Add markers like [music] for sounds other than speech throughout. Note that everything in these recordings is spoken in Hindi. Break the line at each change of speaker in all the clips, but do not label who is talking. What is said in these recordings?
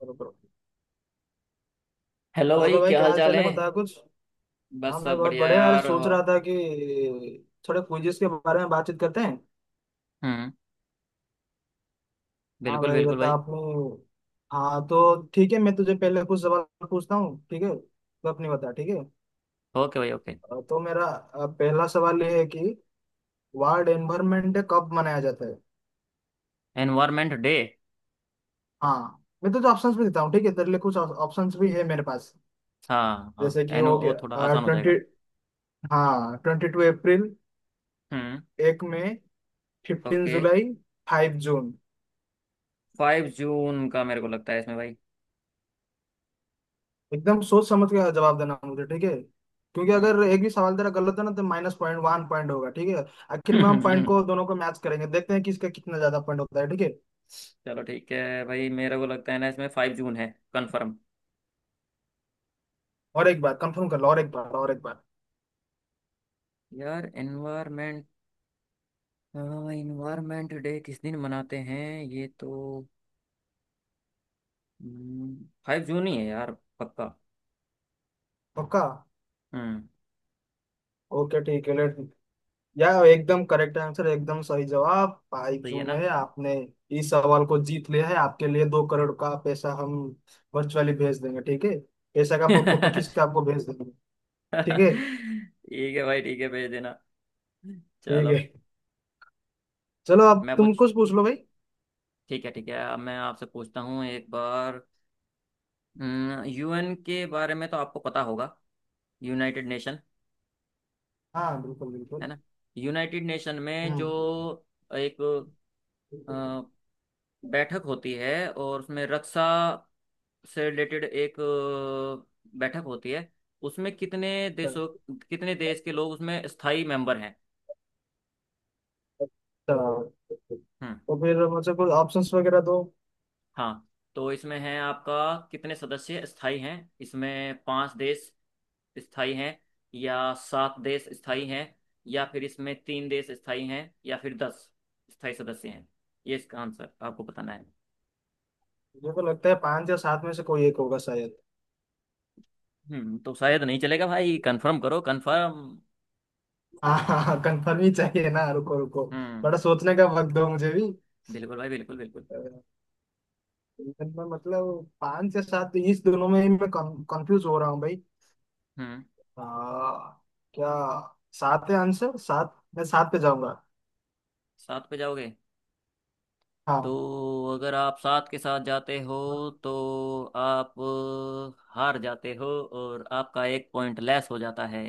करो करो।
हेलो भाई,
हेलो भाई,
क्या
क्या
हाल
हाल
चाल
चाल है?
है?
बता कुछ। हाँ,
बस
मैं
सब
बहुत
बढ़िया
बढ़िया। अरे,
यार
सोच
हो।
रहा था कि थोड़े क्विजेस के बारे में बातचीत करते हैं।
हम्म।
हाँ
बिल्कुल
भाई,
बिल्कुल
बता
भाई।
आपने। हाँ, तो ठीक है, मैं तुझे पहले कुछ सवाल पूछता हूँ, ठीक है। तो अपनी बता ठीक है।
ओके भाई, ओके।
तो मेरा पहला सवाल ये है कि वर्ल्ड एनवायरनमेंट डे कब मनाया जाता है?
Environment day.
हाँ, मैं तुझे ऑप्शंस भी देता हूँ, ठीक है। तेरे लिए कुछ ऑप्शंस भी है मेरे पास।
हाँ हाँ।
जैसे कि
एन
हो
वो थोड़ा
गया
आसान हो
20।
जाएगा।
हाँ, 22 अप्रैल,
हम्म।
1 मई, फिफ्टीन
ओके।
जुलाई 5 जून।
5 जून का मेरे को लगता है इसमें भाई।
एकदम सोच समझ के जवाब देना मुझे, ठीक है। क्योंकि
हम्म।
अगर एक भी सवाल तेरा गलत है ना तो माइनस पॉइंट वन पॉइंट होगा, ठीक है। आखिर में हम पॉइंट को, दोनों को मैच करेंगे, देखते हैं किसका कितना ज्यादा पॉइंट होता है, ठीक है।
[laughs] चलो, ठीक है भाई, मेरे को लगता है ना इसमें 5 जून है। कंफर्म।
और एक बार कंफर्म कर लो, और एक बार, और एक बार।
यार, एनवायरमेंट एनवायरमेंट डे किस दिन मनाते हैं ये तो। 5 जून ही है यार। पक्का।
पक्का।
हम्म।
ओके ठीक है। लेट या एकदम करेक्ट आंसर, एकदम सही जवाब भाई।
सही है
जून
ना?
है, आपने इस सवाल को जीत लिया है। आपके लिए 2 करोड़ का पैसा हम वर्चुअली भेज देंगे, ठीक है। पैसा का फोटो खींच के
[laughs]
आपको भेज देंगे।
[laughs]
ठीक है।
ठीक है भाई, ठीक है भेज देना।
ठीक
चलो।
है। चलो अब
मैं
तुम
पूछ
कुछ पूछ लो भाई।
ठीक है ठीक है, अब मैं आपसे पूछता हूँ एक बार। यूएन के बारे में तो आपको पता होगा। यूनाइटेड नेशन,
हाँ, बिल्कुल
है
बिल्कुल।
ना? यूनाइटेड नेशन में जो
हम्म।
एक अ, बैठक होती है और उसमें रक्षा से रिलेटेड एक बैठक होती है, उसमें कितने देशों कितने देश के लोग उसमें स्थायी मेंबर हैं?
तो
हम्म।
तो फिर मुझे कुछ ऑप्शंस वगैरह दो।
हाँ, तो इसमें है आपका, कितने सदस्य स्थायी हैं। इसमें पांच देश स्थायी हैं, या सात देश स्थायी हैं, या फिर इसमें तीन देश स्थायी हैं, या फिर 10 स्थायी सदस्य हैं। ये इसका आंसर आपको बताना है।
मुझे को लगता है पांच या सात में से कोई एक होगा, शायद।
तो शायद नहीं चलेगा भाई, कंफर्म करो कंफर्म।
हाँ हाँ, कंफर्म ही चाहिए ना। रुको रुको,
हम्म
बड़ा सोचने का वक्त दो मुझे भी।
बिल्कुल भाई, बिल्कुल बिल्कुल।
अ, मैं मतलब पांच या सात, तो इस दोनों में ही मैं कंफ्यूज हो रहा हूँ भाई।
हम्म
आ, क्या, सात है आंसर? सात, मैं सात पे जाऊंगा।
सात पे जाओगे? तो
हाँ।
अगर आप सात के साथ जाते हो, तो आप हार जाते हो, और आपका एक पॉइंट लेस हो जाता है।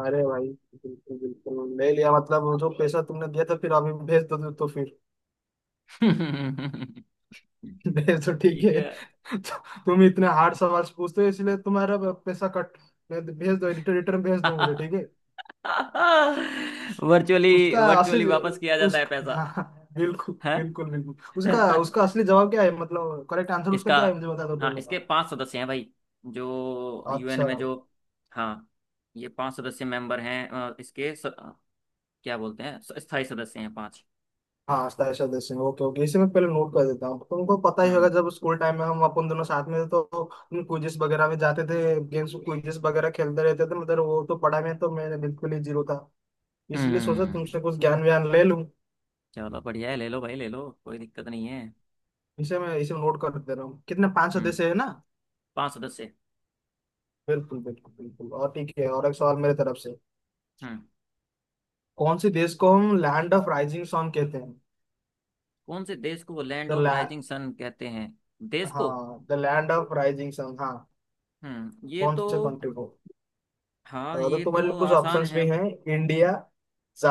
अरे भाई, बिल्कुल बिल्कुल ले लिया, मतलब जो पैसा तुमने दिया था फिर अभी भेज दो तो फिर
ठीक
[laughs] भेज। तो ठीक है,
है।
तो तुम इतने हार्ड सवाल पूछते हो इसलिए तुम्हारा पैसा कट। भेज भेज दो, रिटर्न रिटर्न भेज दो मुझे, ठीक है।
वर्चुअली
उसका
वर्चुअली
असली
वापस किया जाता
उस
है पैसा
हाँ, हाँ, बिल्कुल
है
बिल्कुल बिल्कुल। उसका उसका असली जवाब क्या है, मतलब करेक्ट आंसर उसका
इसका।
क्या है, मुझे बता दो
हाँ,
पहले।
इसके पांच सदस्य हैं भाई, जो यूएन
अच्छा।
में जो। हाँ, ये पांच सदस्य मेंबर हैं, इसके क्या बोलते हैं, स्थायी सदस्य हैं पांच।
हाँ, साहिल देव सिंह, ओके ओके, इसे मैं पहले नोट कर देता हूँ। तुमको पता ही होगा,
हम्म।
जब स्कूल टाइम में हम अपन दोनों साथ में थे तो हम क्विजेस वगैरह में जाते थे, गेम्स क्विजेस वगैरह खेलते रहते थे। मतलब वो तो पढ़ाई में तो मैं बिल्कुल ही जीरो था, इसलिए सोचा
हम्म
तुमसे कुछ ज्ञान व्यान ले लूं।
चलो, बढ़िया है, ले लो भाई, ले लो, कोई दिक्कत नहीं है।
इसे मैं इसे नोट कर दे रहा हूँ। कितने, 500
हम्म
देश है ना।
पांच सदस्य।
बिल्कुल बिल्कुल बिल्कुल। और ठीक है, और एक सवाल मेरे तरफ से।
हम्म।
कौन से देश को हम लैंड ऑफ राइजिंग सन कहते हैं?
कौन से देश को land
the
of
land
rising sun कहते हैं? देश को।
हाँ, the land of rising sun, हाँ।
ये
कौन
तो।
से कंट्री को?
हाँ,
तो
ये तो
तुम्हारे लिए कुछ
आसान
ऑप्शंस
है।
भी हैं। इंडिया,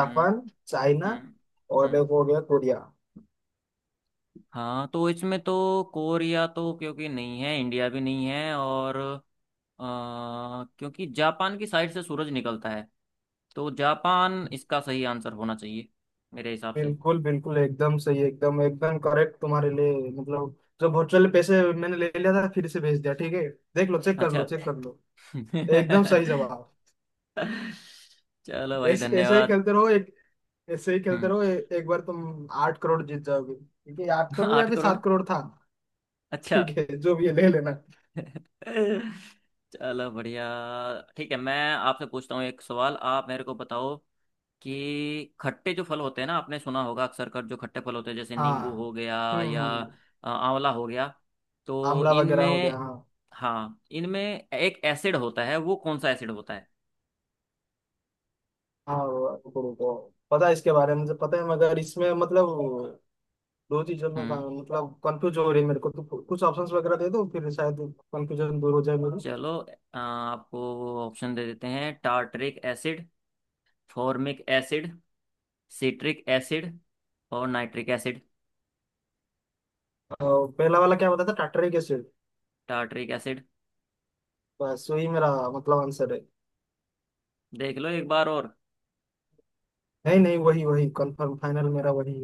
हम्म।
चाइना
हम्म।
और
हम्म।
एक हो गया कोरिया।
हाँ, तो इसमें तो कोरिया तो क्योंकि नहीं है, इंडिया भी नहीं है, और क्योंकि जापान की साइड से सूरज निकलता है, तो जापान इसका सही आंसर होना चाहिए मेरे हिसाब से।
बिल्कुल बिल्कुल, एकदम सही, एकदम एकदम करेक्ट। तुम्हारे लिए मतलब जो वर्चुअल पैसे मैंने ले लिया था फिर से भेज दिया, ठीक है। देख लो, चेक कर लो,
अच्छा।
चेक कर लो। एकदम सही
[laughs]
जवाब।
चलो भाई,
ऐसे ऐसे ही
धन्यवाद।
खेलते रहो। एक ऐसे ही खेलते
हम्म।
रहो, एक बार तुम 8 करोड़ जीत जाओगे, ठीक है। 8 करोड़
[laughs]
या
आठ
फिर
करोड़
7 करोड़ था?
अच्छा।
ठीक है, जो भी है ले लेना।
[laughs] चलो बढ़िया। ठीक है, मैं आपसे पूछता हूँ एक सवाल, आप मेरे को बताओ कि खट्टे जो फल होते हैं ना, आपने सुना होगा अक्सर कर, जो खट्टे फल होते हैं, जैसे नींबू
हाँ।
हो गया या
हम्म।
आंवला हो गया, तो
आमला वगैरह हो गया,
इनमें,
हाँ।
हाँ इनमें एक एसिड होता है, वो कौन सा एसिड होता है?
हाँ, रुको रुको। पता है, इसके बारे में मुझे पता है, मगर इसमें मतलब दो चीजों में
हम्म
मतलब कंफ्यूज हो रही है मेरे को। तो कुछ ऑप्शंस वगैरह दे दो, फिर शायद कंफ्यूजन दूर हो जाए मेरी।
चलो, आपको ऑप्शन दे देते हैं। Tartaric acid, formic acid, citric acid और नाइट्रिक एसिड।
अ, पहला वाला क्या बताया था, टाटरिक एसिड?
Tartaric acid?
बस वही मेरा मतलब आंसर है।
देख लो एक बार और।
नहीं नहीं, वही वही, कंफर्म फाइनल मेरा वही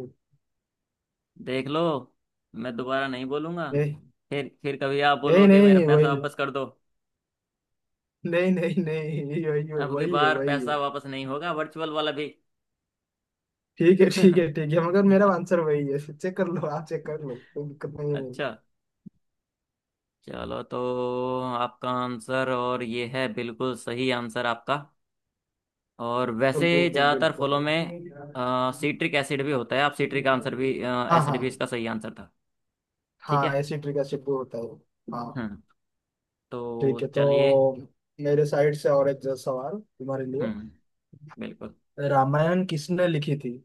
देख लो, मैं दोबारा नहीं बोलूंगा।
है।
फिर कभी आप बोलो
नहीं
कि मेरा
नहीं,
पैसा
वही।
वापस कर दो।
नहीं नहीं नहीं, वही वही
अब की
वही है,
बार
वही है।
पैसा वापस नहीं होगा, वर्चुअल वाला भी।
ठीक है ठीक है
[laughs]
ठीक है, मगर मेरा आंसर वही है। चेक कर लो आप, चेक कर लो, कोई दिक्कत नहीं है मेरे
अच्छा।
को।
चलो तो, आपका आंसर और ये है, बिल्कुल सही आंसर आपका। और वैसे
बिल्कुल
ज़्यादातर
बिल्कुल
फलों में
बिल्कुल।
सीट्रिक एसिड भी होता है, आप सीट्रिक आंसर भी
हाँ हाँ।
एसिड भी इसका सही आंसर था। ठीक
हाँ,
है।
ऐसी ट्रिक ऐसे प्रूव होता है। हाँ।
हम्म तो
ठीक है, तो
चलिए।
मेरे साइड से और एक जो सवाल तुम्हारे लिए।
हम्म। बिल्कुल।
रामायण किसने लिखी थी?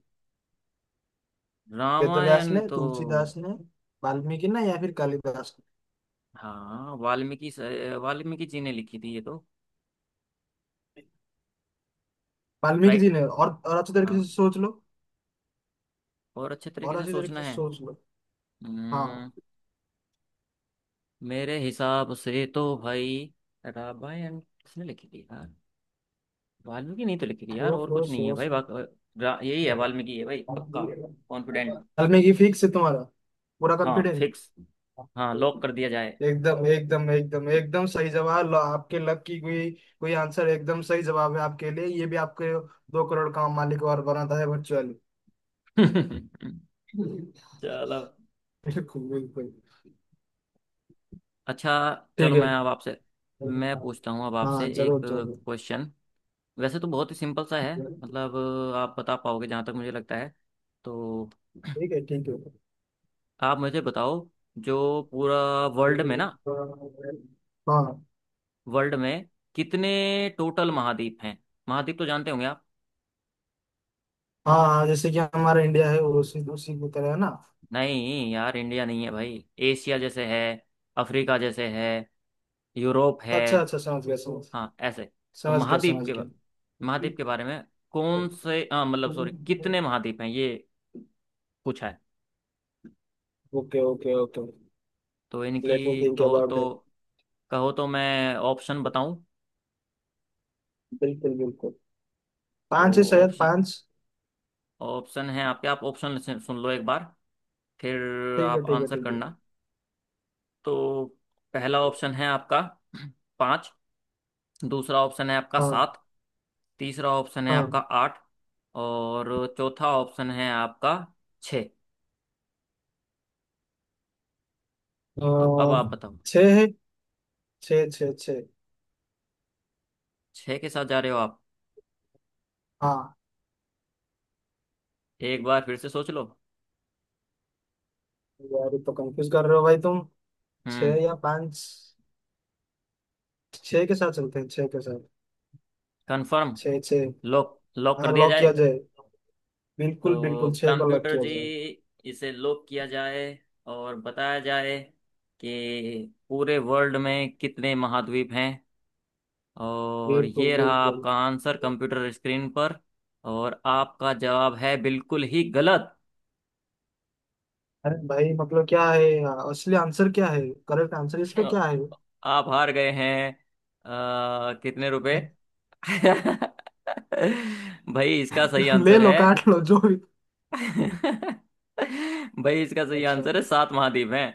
वेदव्यास ने,
रामायण तो।
तुलसीदास ने, वाल्मीकि ने, या फिर कालिदास
हाँ, वाल्मीकि जी ने लिखी थी ये तो।
ने। वाल्मीकि जी
राइट।
ने, और अच्छे तरीके से
हाँ।
सोच लो।
और अच्छे
और
तरीके से
अच्छे
सोचना
तरीके से
है।
सोच लो। हाँ।
हम्म मेरे हिसाब से तो भाई, रामायण किसने लिखी थी यार? वाल्मीकि नहीं तो लिखी थी यार,
सोच,
और
थोड़ा
कुछ नहीं है
सोच।
भाई यही है, वाल्मीकि है भाई, पक्का, कॉन्फिडेंट।
और मैं, ये फिक्स है तुम्हारा? पूरा
हाँ
कॉन्फिडेंट?
फिक्स। हाँ, लॉक कर दिया जाए।
एकदम एकदम एकदम एकदम सही जवाब। लो, आपके लक की कोई कोई आंसर एकदम सही जवाब है आपके लिए। ये भी आपके 2 करोड़ का मालिक और बनाता है, वर्चुअली।
[laughs] चलो,
बिल्कुल बिल्कुल।
अच्छा। चलो,
ठीक है।
मैं पूछता हूँ अब आपसे
हाँ,
एक
जरूर जरूर।
क्वेश्चन। वैसे तो बहुत ही सिंपल सा है, मतलब, आप बता पाओगे जहाँ तक मुझे लगता है, तो
ठीक है ठीक है।
आप मुझे बताओ, जो पूरा वर्ल्ड में ना,
हाँ हाँ।
वर्ल्ड में कितने टोटल महाद्वीप हैं? महाद्वीप तो जानते होंगे आप।
हाँ, जैसे कि हमारा इंडिया है, वो उसी उसी की तरह है ना।
नहीं यार, इंडिया नहीं है भाई। एशिया जैसे है, अफ्रीका जैसे है, यूरोप है।
अच्छा अच्छा, समझ गया, समझ
हाँ ऐसे। तो
समझ गया, समझ गया।
महाद्वीप के बारे में, कौन से हाँ, मतलब सॉरी, कितने महाद्वीप हैं ये पूछा है।
Okay okay okay.
तो
लेट मी
इनकी
थिंक अबाउट इट।
कहो तो मैं ऑप्शन बताऊं?
बिल्कुल बिल्कुल।
तो
पांच है शायद,
ऑप्शन
पांच।
ऑप्शन है आपके, आप ऑप्शन सुन लो एक बार, फिर
ठीक है
आप
ठीक है
आंसर
ठीक है।
करना। तो पहला ऑप्शन है आपका पाँच, दूसरा ऑप्शन है आपका
हाँ
सात, तीसरा ऑप्शन है आपका
हाँ।
आठ, और चौथा ऑप्शन है आपका छः। तो अब
अह,
आप बताओ।
छः है। छः छः छः।
छः के साथ जा रहे हो आप?
हाँ।
एक बार फिर से सोच लो।
यार, ये तो कंफ्यूज कर रहे हो भाई तुम। छः
हम्म।
या पाँच? छः के साथ चलते हैं, छः के साथ।
कंफर्म?
छः छः।
लॉक लॉक कर
हाँ,
दिया
लॉक किया
जाए।
जाए। बिल्कुल
तो
बिल्कुल, छः को लॉक
कंप्यूटर
किया
जी,
जाए।
इसे लॉक किया जाए, और बताया जाए कि पूरे वर्ल्ड में कितने महाद्वीप हैं। और
बिल्कुल
ये रहा
बिल्कुल।
आपका आंसर कंप्यूटर स्क्रीन पर। और आपका जवाब है बिल्कुल ही गलत।
अरे भाई, मतलब क्या है? असली आंसर क्या है? करेक्ट आंसर इसका क्या है?
आप हार गए हैं। कितने रुपए।
[laughs]
[laughs] भाई, इसका सही
ले
आंसर
लो,
है।
काट लो जो भी।
[laughs] भाई, इसका सही
अच्छा
आंसर है, सात महाद्वीप हैं।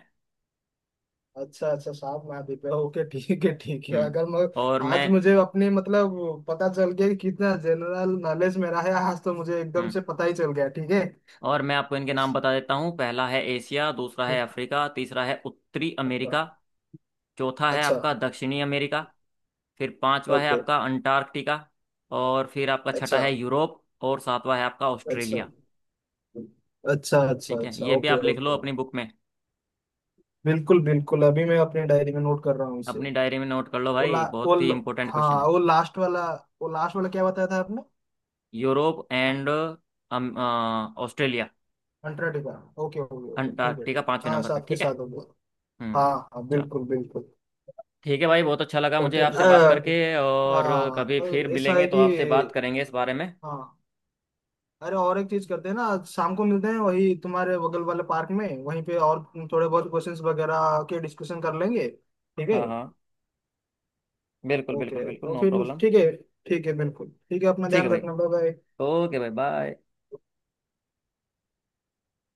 अच्छा अच्छा, साफ माफी पे। ओके ठीक है ठीक है,
हम्म
अगर मैं
और
आज
मैं
मुझे अपने, मतलब, पता चल गया कि कितना जनरल नॉलेज मेरा है। आज तो मुझे एकदम
हम्म
से पता ही चल गया, ठीक है।
और मैं आपको इनके नाम बता देता हूँ। पहला है एशिया, दूसरा है अफ्रीका, तीसरा है उत्तरी
अच्छा।
अमेरिका, चौथा है
अच्छा
आपका दक्षिणी अमेरिका, फिर पांचवा है
ओके।
आपका अंटार्कटिका, और फिर आपका छठा
अच्छा
है यूरोप और सातवां है आपका
अच्छा
ऑस्ट्रेलिया।
अच्छा। अच्छा
ठीक है,
अच्छा
ये भी
ओके
आप लिख
ओके।
लो अपनी बुक में,
बिल्कुल बिल्कुल, अभी मैं अपने डायरी में नोट कर रहा हूँ इसे।
अपनी डायरी में नोट कर लो
वो ला
भाई,
वो
बहुत ही
ल-
इंपॉर्टेंट
हाँ,
क्वेश्चन है।
वो लास्ट वाला। वो लास्ट वाला क्या बताया था आपने?
Europe and Australia,
Antarctica. Okay, हो गया हो गया, ठीक है
अंटार्कटिका
ठीक
पांचवें
है, हाँ,
नंबर पे,
साथ के
ठीक है।
साथ हो गया।
हम्म
हाँ हाँ,
चलो,
बिल्कुल बिल्कुल।
ठीक है भाई, बहुत अच्छा लगा मुझे
ओके,
आपसे बात करके, और
हाँ,
कभी फिर
ऐसा
मिलेंगे
है
तो आपसे बात
कि,
करेंगे इस बारे में।
हाँ, अरे और एक चीज करते हैं ना, आज शाम को मिलते हैं वही तुम्हारे बगल वाले पार्क में वहीं पे, और थोड़े बहुत क्वेश्चंस वगैरह के डिस्कशन कर लेंगे, ठीक है।
हाँ हाँ, बिल्कुल बिल्कुल
ओके,
बिल्कुल,
तो
नो
फिर
प्रॉब्लम।
ठीक है। ठीक है, बिल्कुल ठीक है, अपना
ठीक है
ध्यान
भाई,
रखना, बाय बाय।
ओके भाई, बाय।